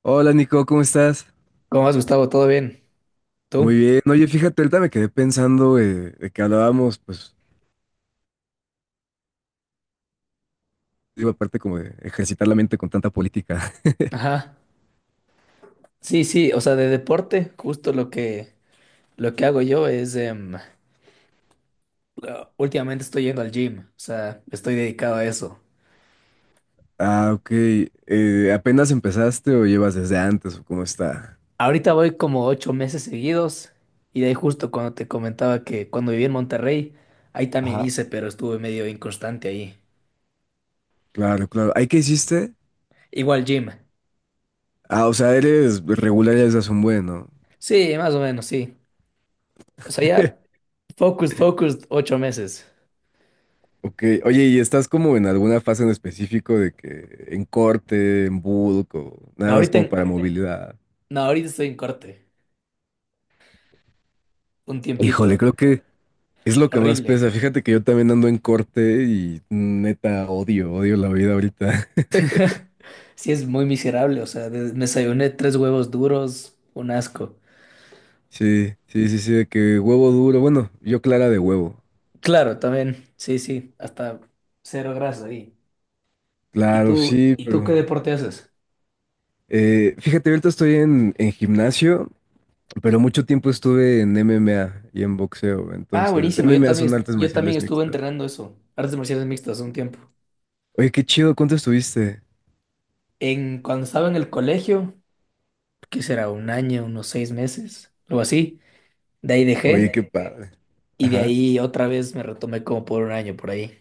Hola Nico, ¿cómo estás? ¿Cómo vas, Gustavo? ¿Todo bien? ¿Tú? Muy bien. Oye, fíjate, ahorita me quedé pensando de que hablábamos, pues, digo, aparte como de ejercitar la mente con tanta política. Ajá. Sí, sí, o sea, de deporte, justo lo que hago yo es, últimamente estoy yendo al gym, o sea, estoy dedicado a eso. Ah, ok. ¿Apenas empezaste o llevas desde antes o cómo está? Ahorita voy como 8 meses seguidos y de ahí justo cuando te comentaba que cuando viví en Monterrey, ahí también Ajá. hice, pero estuve medio inconstante ahí. Claro, claro. ¿Ahí qué hiciste? Igual gym. Ah, o sea, eres regular ya desde hace un buen, ¿no? Sí, más o menos, sí. O sea, ya focus, focus, 8 meses. Ok. Oye, ¿y estás como en alguna fase en específico de que en corte, en bulk o nada más Ahorita, como para movilidad? no, ahorita estoy en corte, un tiempito, Híjole, creo que es lo que más horrible. pesa. Fíjate que yo también ando en corte y neta odio, odio la vida ahorita. Sí, es muy miserable, o sea, me desayuné tres huevos duros, un asco. Sí, sí, sí, sí, de que huevo duro. Bueno, yo clara de huevo. Claro, también, sí, sí, hasta cero grasa ahí. ¿Y Claro, tú, sí, y tú qué pero. deporte haces? Fíjate, ahorita estoy en gimnasio, pero mucho tiempo estuve en MMA y en boxeo. Ah, Entonces, buenísimo, yo MMA también, son artes yo también marciales estuve mixtas. entrenando eso, artes marciales mixtas un tiempo. Oye, qué chido, ¿cuánto estuviste? Cuando estaba en el colegio, que será un año, unos 6 meses, algo así, de ahí Oye, dejé qué padre. y de Ajá. ahí otra vez me retomé como por un año por ahí.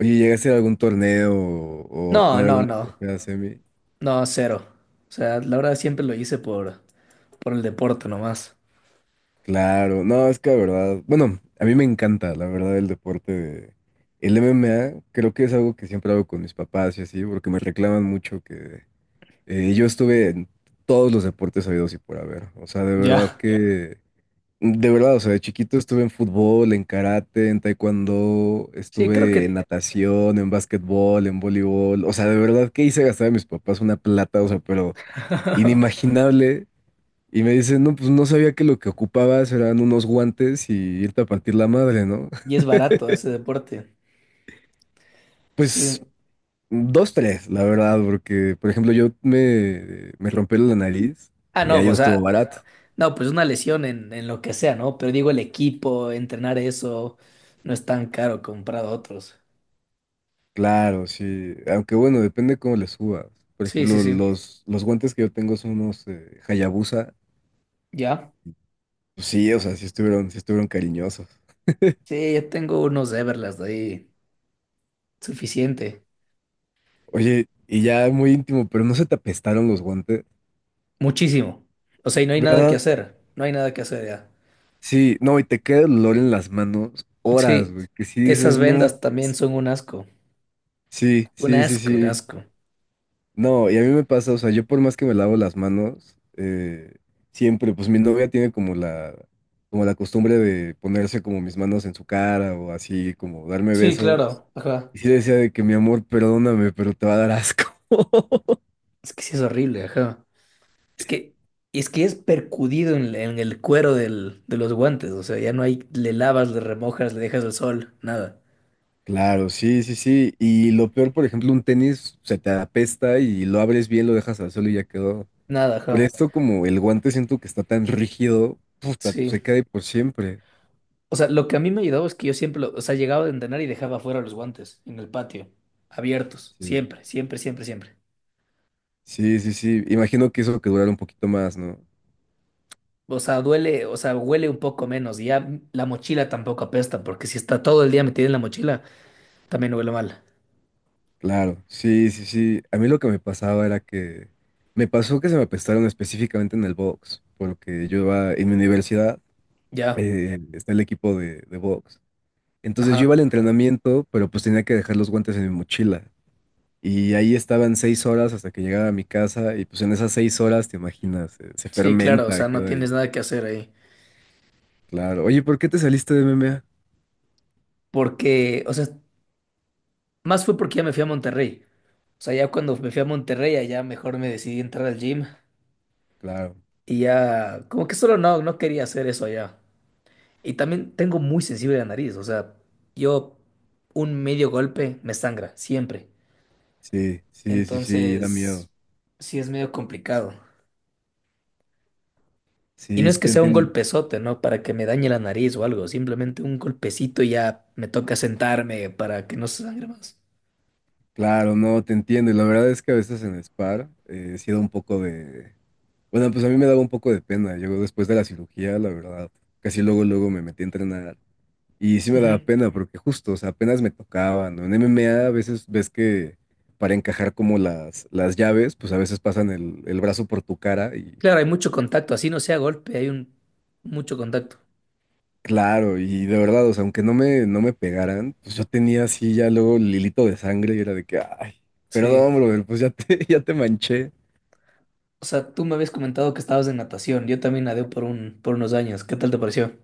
Oye, ¿llegaste a algún torneo o No, tener no, alguna no, primera semi? no, cero. O sea, la verdad siempre lo hice por el deporte nomás. Claro, no, es que la verdad, bueno, a mí me encanta, la verdad, el deporte de. El MMA creo que es algo que siempre hago con mis papás y así, porque me reclaman mucho que yo estuve en todos los deportes habidos y por haber. O sea, Ya. De verdad, o sea, de chiquito estuve en fútbol, en karate, en taekwondo, Sí, creo estuve en que. natación, en básquetbol, en voleibol. O sea, de verdad que hice gastar a mis papás una plata, o sea, pero inimaginable y me dice, no, pues no sabía que lo que ocupabas eran unos guantes y irte a partir la madre, ¿no? Y es barato ese deporte. Pues Sí. dos, tres, la verdad, porque, por ejemplo, yo me rompí la nariz Ah, y no, ahí no pues, estuvo ah, barato. no, pues una lesión en lo que sea, ¿no? Pero digo, el equipo, entrenar eso, no es tan caro comparado a otros. Claro, sí. Aunque bueno, depende cómo le subas. Por Sí, sí, ejemplo, sí. los guantes que yo tengo son unos Hayabusa. Ya. Pues sí, o sea, sí estuvieron cariñosos. Sí, yo tengo unos Everlast ahí, suficiente, Oye, y ya muy íntimo, pero no se te apestaron los guantes, muchísimo. O sea, y no hay nada que ¿verdad? hacer, no hay nada que hacer ya. Sí, no, y te queda el olor en las manos horas, Sí, güey, que si esas dices, no, vendas también pues, son un asco, sí, un sí, sí, asco, un sí, asco. no, y a mí me pasa, o sea, yo por más que me lavo las manos, siempre, pues mi novia tiene como la costumbre de ponerse como mis manos en su cara o así, como darme Sí, besos, claro. Ajá. y sí le decía de que mi amor, perdóname, pero te va a dar asco. Es que sí es horrible, ajá. Es que, es que es percudido en el cuero del, de los guantes, o sea, ya no hay, le lavas, le remojas, le dejas al sol, nada, Claro, sí, sí, sí, y lo peor, por ejemplo, un tenis se te apesta y lo abres bien, lo dejas al suelo y ya quedó. nada, Pero ajá, esto como el guante siento que está tan rígido, puta, pues se sí. cae por siempre. O sea, lo que a mí me ayudaba es que yo siempre, o sea, llegaba de entrenar y dejaba fuera los guantes, en el patio, abiertos, Sí, siempre, siempre, siempre, siempre. sí, sí, sí. Imagino que eso que durara un poquito más, ¿no? O sea, duele, o sea, huele un poco menos, y ya la mochila tampoco apesta, porque si está todo el día metida en la mochila, también huele mal. Claro, sí, sí, sí. A mí lo que me pasaba era que me pasó que se me apestaron específicamente en el box, porque yo iba en mi universidad, Ya, está el equipo de box. Entonces yo iba ajá, al entrenamiento, pero pues tenía que dejar los guantes en mi mochila. Y ahí estaban 6 horas hasta que llegaba a mi casa, y pues en esas 6 horas, te imaginas, se sí, claro, o fermenta, sea, no queda ahí. tienes nada que hacer ahí. Claro. Oye, ¿por qué te saliste de MMA? Porque, o sea, más fue porque ya me fui a Monterrey. O sea, ya cuando me fui a Monterrey, allá mejor me decidí a entrar al gym. Claro. Y ya, como que solo no quería hacer eso allá. Y también tengo muy sensible la nariz. O sea, yo un medio golpe me sangra, siempre. Sí, sí, sí, sí, da miedo. Entonces, sí es medio complicado. Y no Sí, es sí que te sea un entiendo. golpezote, ¿no? Para que me dañe la nariz o algo. Simplemente un golpecito y ya me toca sentarme para que no se sangre más. Claro, no, te entiendo. Y la verdad es que a veces en Spar sí da un poco de. Bueno, pues a mí me daba un poco de pena. Yo después de la cirugía, la verdad, casi luego, luego me metí a entrenar. Y sí me daba Ujú. pena porque justo, o sea, apenas me tocaban, ¿no? En MMA a veces ves que para encajar como las llaves, pues a veces pasan el brazo por tu cara y. Claro, hay mucho contacto. Así no sea golpe, hay un mucho contacto. Claro, y de verdad, o sea, aunque no me pegaran, pues yo tenía así ya luego el hilito de sangre y era de que, ay, Sí. perdón, brother, pues ya te, ya te manché. O sea, tú me habías comentado que estabas en natación. Yo también nadé por unos años. ¿Qué tal te pareció?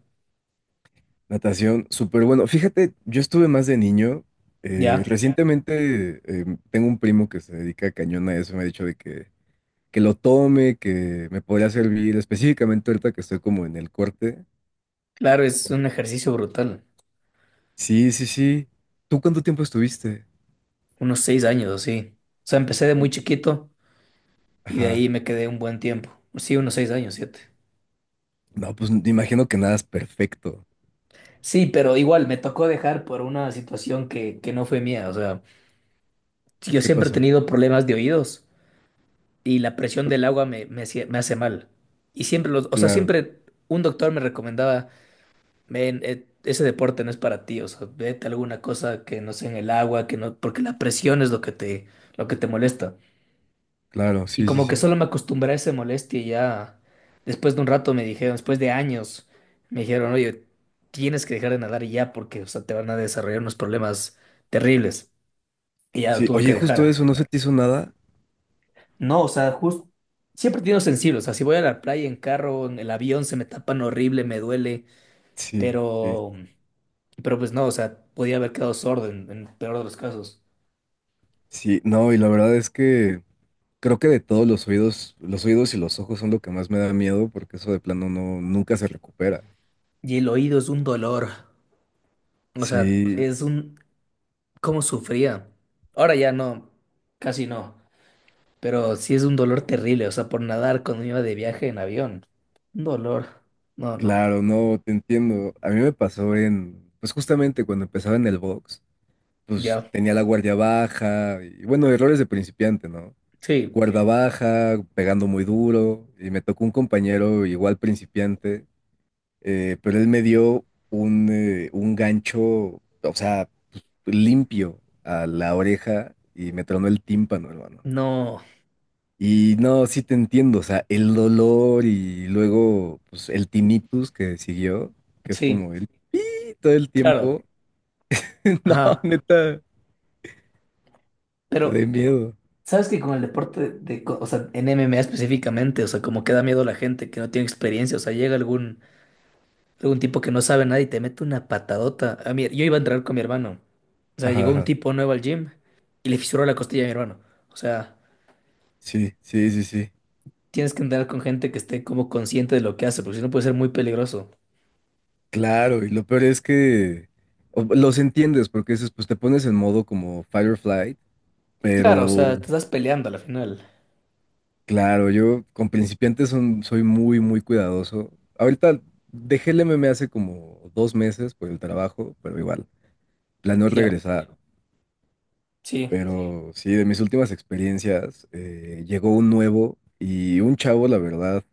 Natación, súper bueno. Fíjate, yo estuve más de niño. eh, Ya, recientemente tengo un primo que se dedica cañón a eso, me ha dicho de que, lo tome, que me podría servir, específicamente ahorita que estoy como en el corte. claro, es un ejercicio brutal. Sí, sí, sí. ¿Tú cuánto tiempo estuviste? Unos 6 años o sí. O sea, empecé de muy chiquito y de Ajá. ahí me quedé un buen tiempo. Sí, unos 6 años, siete. No, pues me imagino que nada es perfecto. Sí, pero igual me tocó dejar por una situación que no fue mía. O sea, yo ¿Qué siempre he pasó? tenido problemas de oídos y la presión del agua me hace mal. Y siempre o sea, Claro. siempre un doctor me recomendaba, ven, ese deporte no es para ti, o sea, vete a alguna cosa que no sea en el agua, que no, porque la presión es lo que te molesta. Claro, Y sí, sí, como que sí. solo me acostumbré a esa molestia y ya después de un rato me dijeron, después de años, me dijeron, oye, tienes que dejar de nadar ya porque, o sea, te van a desarrollar unos problemas terribles. Y ya lo Sí, tuve que oye, justo dejar. eso, ¿no se te hizo nada? No, o sea, justo, siempre he tenido sensible, o sea, si voy a la playa en carro, en el avión, se me tapan horrible, me duele, Sí, sí, pero. Pero pues no, o sea, podía haber quedado sordo en peor de los casos. sí. No, y la verdad es que creo que de todos los oídos y los ojos son lo que más me da miedo porque eso de plano no, nunca se recupera. Y el oído es un dolor. O sea, Sí, Ujú. es un. ¿Cómo sufría? Ahora ya no, casi no. Pero sí es un dolor terrible, o sea, por nadar cuando iba de viaje en avión. Un dolor. No, no. Claro, no, te entiendo. A mí me pasó pues justamente cuando empezaba en el box, pues Ya. tenía la guardia baja y bueno, errores de principiante, ¿no? Sí. Guarda baja, pegando muy duro y me tocó un compañero igual principiante pero él me dio un gancho, o sea, limpio a la oreja y me tronó el tímpano, hermano. No. Y no, sí te entiendo, o sea, el dolor y luego pues, el tinnitus que siguió, que es Sí, como el pi todo el claro. tiempo. No, Ajá. neta, de Pero, miedo. ¿sabes que con el deporte o sea, en MMA específicamente, o sea, como que da miedo a la gente que no tiene experiencia, o sea, llega algún Luego un tipo que no sabe nada y te mete una patadota. A mí, yo iba a entrar con mi hermano. O sea, Ajá, llegó un ajá. tipo nuevo al gym y le fisuró la costilla a mi hermano. O sea, Sí, sí, sí, sí. tienes que entrar con gente que esté como consciente de lo que hace, porque si no puede ser muy peligroso. Claro, y lo peor es que los entiendes, porque dices, pues te pones en modo como fight or flight, Claro, o sea, pero. te estás peleando a la final. Claro, yo con principiantes soy muy, muy cuidadoso. Ahorita dejé el MMA hace como 2 meses por el trabajo, pero igual, planeo Ya, regresar. sí, Pero sí, de mis últimas experiencias, llegó un nuevo y un chavo, la verdad,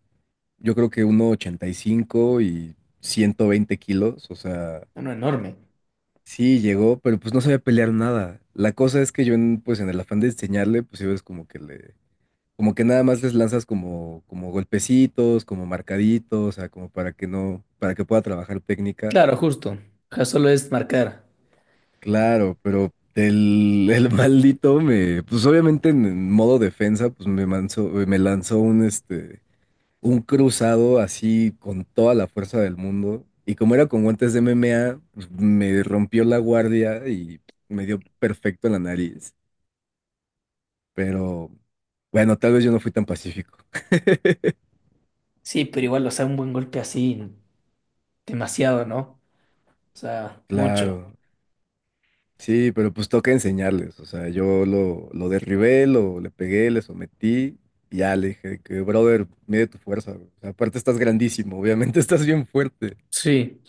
yo creo que 1,85 y 120 kilos, o sea, no enorme. sí llegó, pero pues no sabía pelear nada. La cosa es que yo, pues en el afán de enseñarle, pues yo es como que le. Como que nada más les lanzas como golpecitos, como marcaditos, o sea, como para que no, para que pueda trabajar técnica. Claro, justo. Ya solo es marcar. Claro, pero el maldito me, pues obviamente en modo defensa, pues me lanzó un cruzado así con toda la fuerza del mundo. Y como era con guantes de MMA, pues, me rompió la guardia y me dio perfecto en la nariz. Pero bueno, tal vez yo no fui tan pacífico. Sí, pero igual, o sea, un buen golpe así, demasiado, ¿no? O sea, mucho. Claro. Sí, pero pues toca enseñarles. O sea, yo lo derribé, lo, le pegué, le sometí y ya le dije que, brother, mide tu fuerza, güey. O sea, aparte estás grandísimo, obviamente estás bien fuerte. Sí,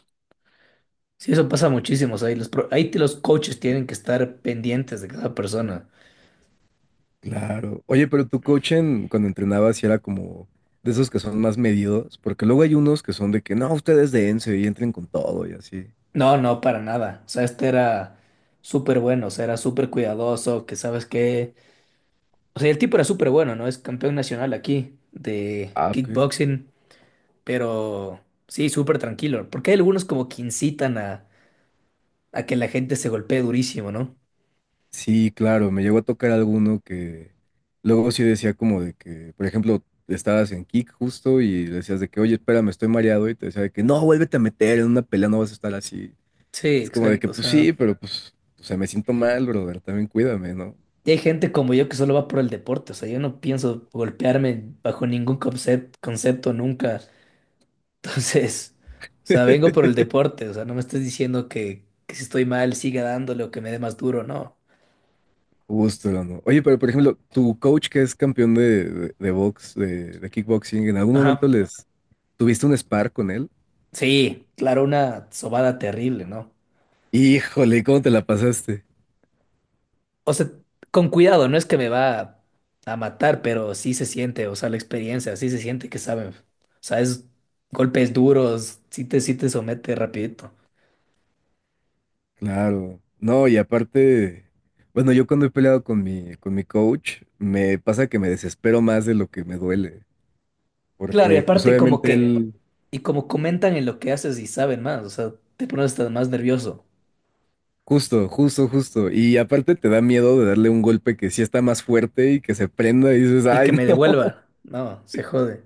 sí, eso pasa muchísimo. O sea, y los, ahí los coaches tienen que estar pendientes de cada persona. Claro. Oye, pero tu coach cuando entrenabas sí era como de esos que son más medidos, porque luego hay unos que son de que no, ustedes dense y entren con todo y así. No, no, para nada. O sea, este era súper bueno, o sea, era súper cuidadoso, que sabes qué, o sea, el tipo era súper bueno, ¿no? Es campeón nacional aquí de Ah, ok. kickboxing, pero sí, súper tranquilo. Porque hay algunos como que incitan a, que la gente se golpee durísimo, ¿no? Sí, claro, me llegó a tocar alguno que luego sí decía como de que, por ejemplo, estabas en kick justo y le decías de que, oye, espérame, estoy mareado y te decía de que, no, vuélvete a meter, en una pelea no vas a estar así. Sí, Es como de que, exacto. O pues sea, sí, pero pues, o sea, me siento mal, brother, también cuídame, ¿no? y hay gente como yo que solo va por el deporte. O sea, yo no pienso golpearme bajo ningún concepto nunca. Entonces, o sea, vengo por el deporte, o sea, no me estés diciendo que si estoy mal siga dándole o que me dé más duro, no. Justo, no. Oye, pero por ejemplo, tu coach que es campeón de box, de kickboxing, ¿en algún momento Ajá. les tuviste un spar con él? Sí, claro, una sobada terrible, ¿no? Híjole, ¿cómo te la pasaste? O sea, con cuidado, no es que me va a matar, pero sí se siente, o sea, la experiencia, sí se siente que saben. O sea, es golpes duros, sí te somete rapidito. Claro, no, y aparte, bueno, yo cuando he peleado con mi coach, me pasa que me desespero más de lo que me duele, Claro, y porque pues aparte como obviamente que, él. y como comentan en lo que haces y saben más, o sea, te pones hasta más nervioso. Justo, justo, justo, y aparte te da miedo de darle un golpe que sí está más fuerte y que se prenda y dices, Y que ay, me no. devuelva, no, se jode.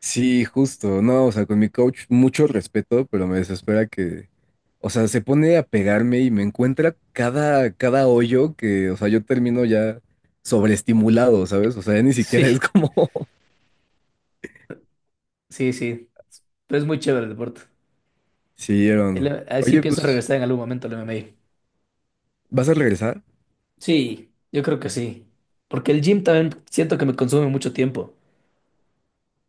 Sí, justo, no, o sea, con mi coach mucho respeto, pero me desespera que, o sea, se pone a pegarme y me encuentra cada, cada hoyo que, o sea, yo termino ya sobreestimulado, ¿sabes? O sea, ya ni siquiera es Sí, como. sí, sí. Pero es muy chévere el deporte. Sí, El- hermano. a ver si Oye, pienso pues, regresar en algún momento al MMA. ¿vas a regresar? Sí, yo creo que sí. Porque el gym también siento que me consume mucho tiempo.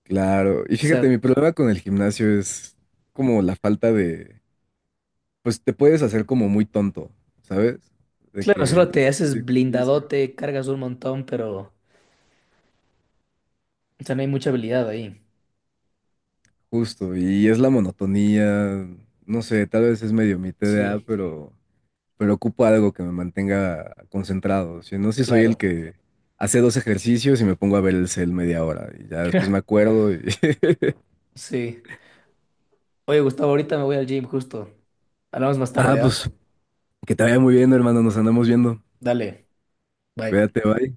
Claro. Y O fíjate, sea, mi problema con el gimnasio es como la falta de, pues te puedes hacer como muy tonto, ¿sabes? De claro, que solo entre te que haces haces ejercicio, blindadote, cargas un montón, pero o sea, no hay mucha habilidad ahí. justo, y es la monotonía, no sé, tal vez es medio mi TDA, Sí, pero, ocupo algo que me mantenga concentrado. Si no, si soy el claro. que hace dos ejercicios y me pongo a ver el cel media hora y ya después me acuerdo y. Sí. Oye, Gustavo, ahorita me voy al gym justo. Hablamos más tarde, Ah, ¿ya? pues, que te vaya muy bien, hermano, nos andamos viendo. Dale, bye. Cuídate, bye.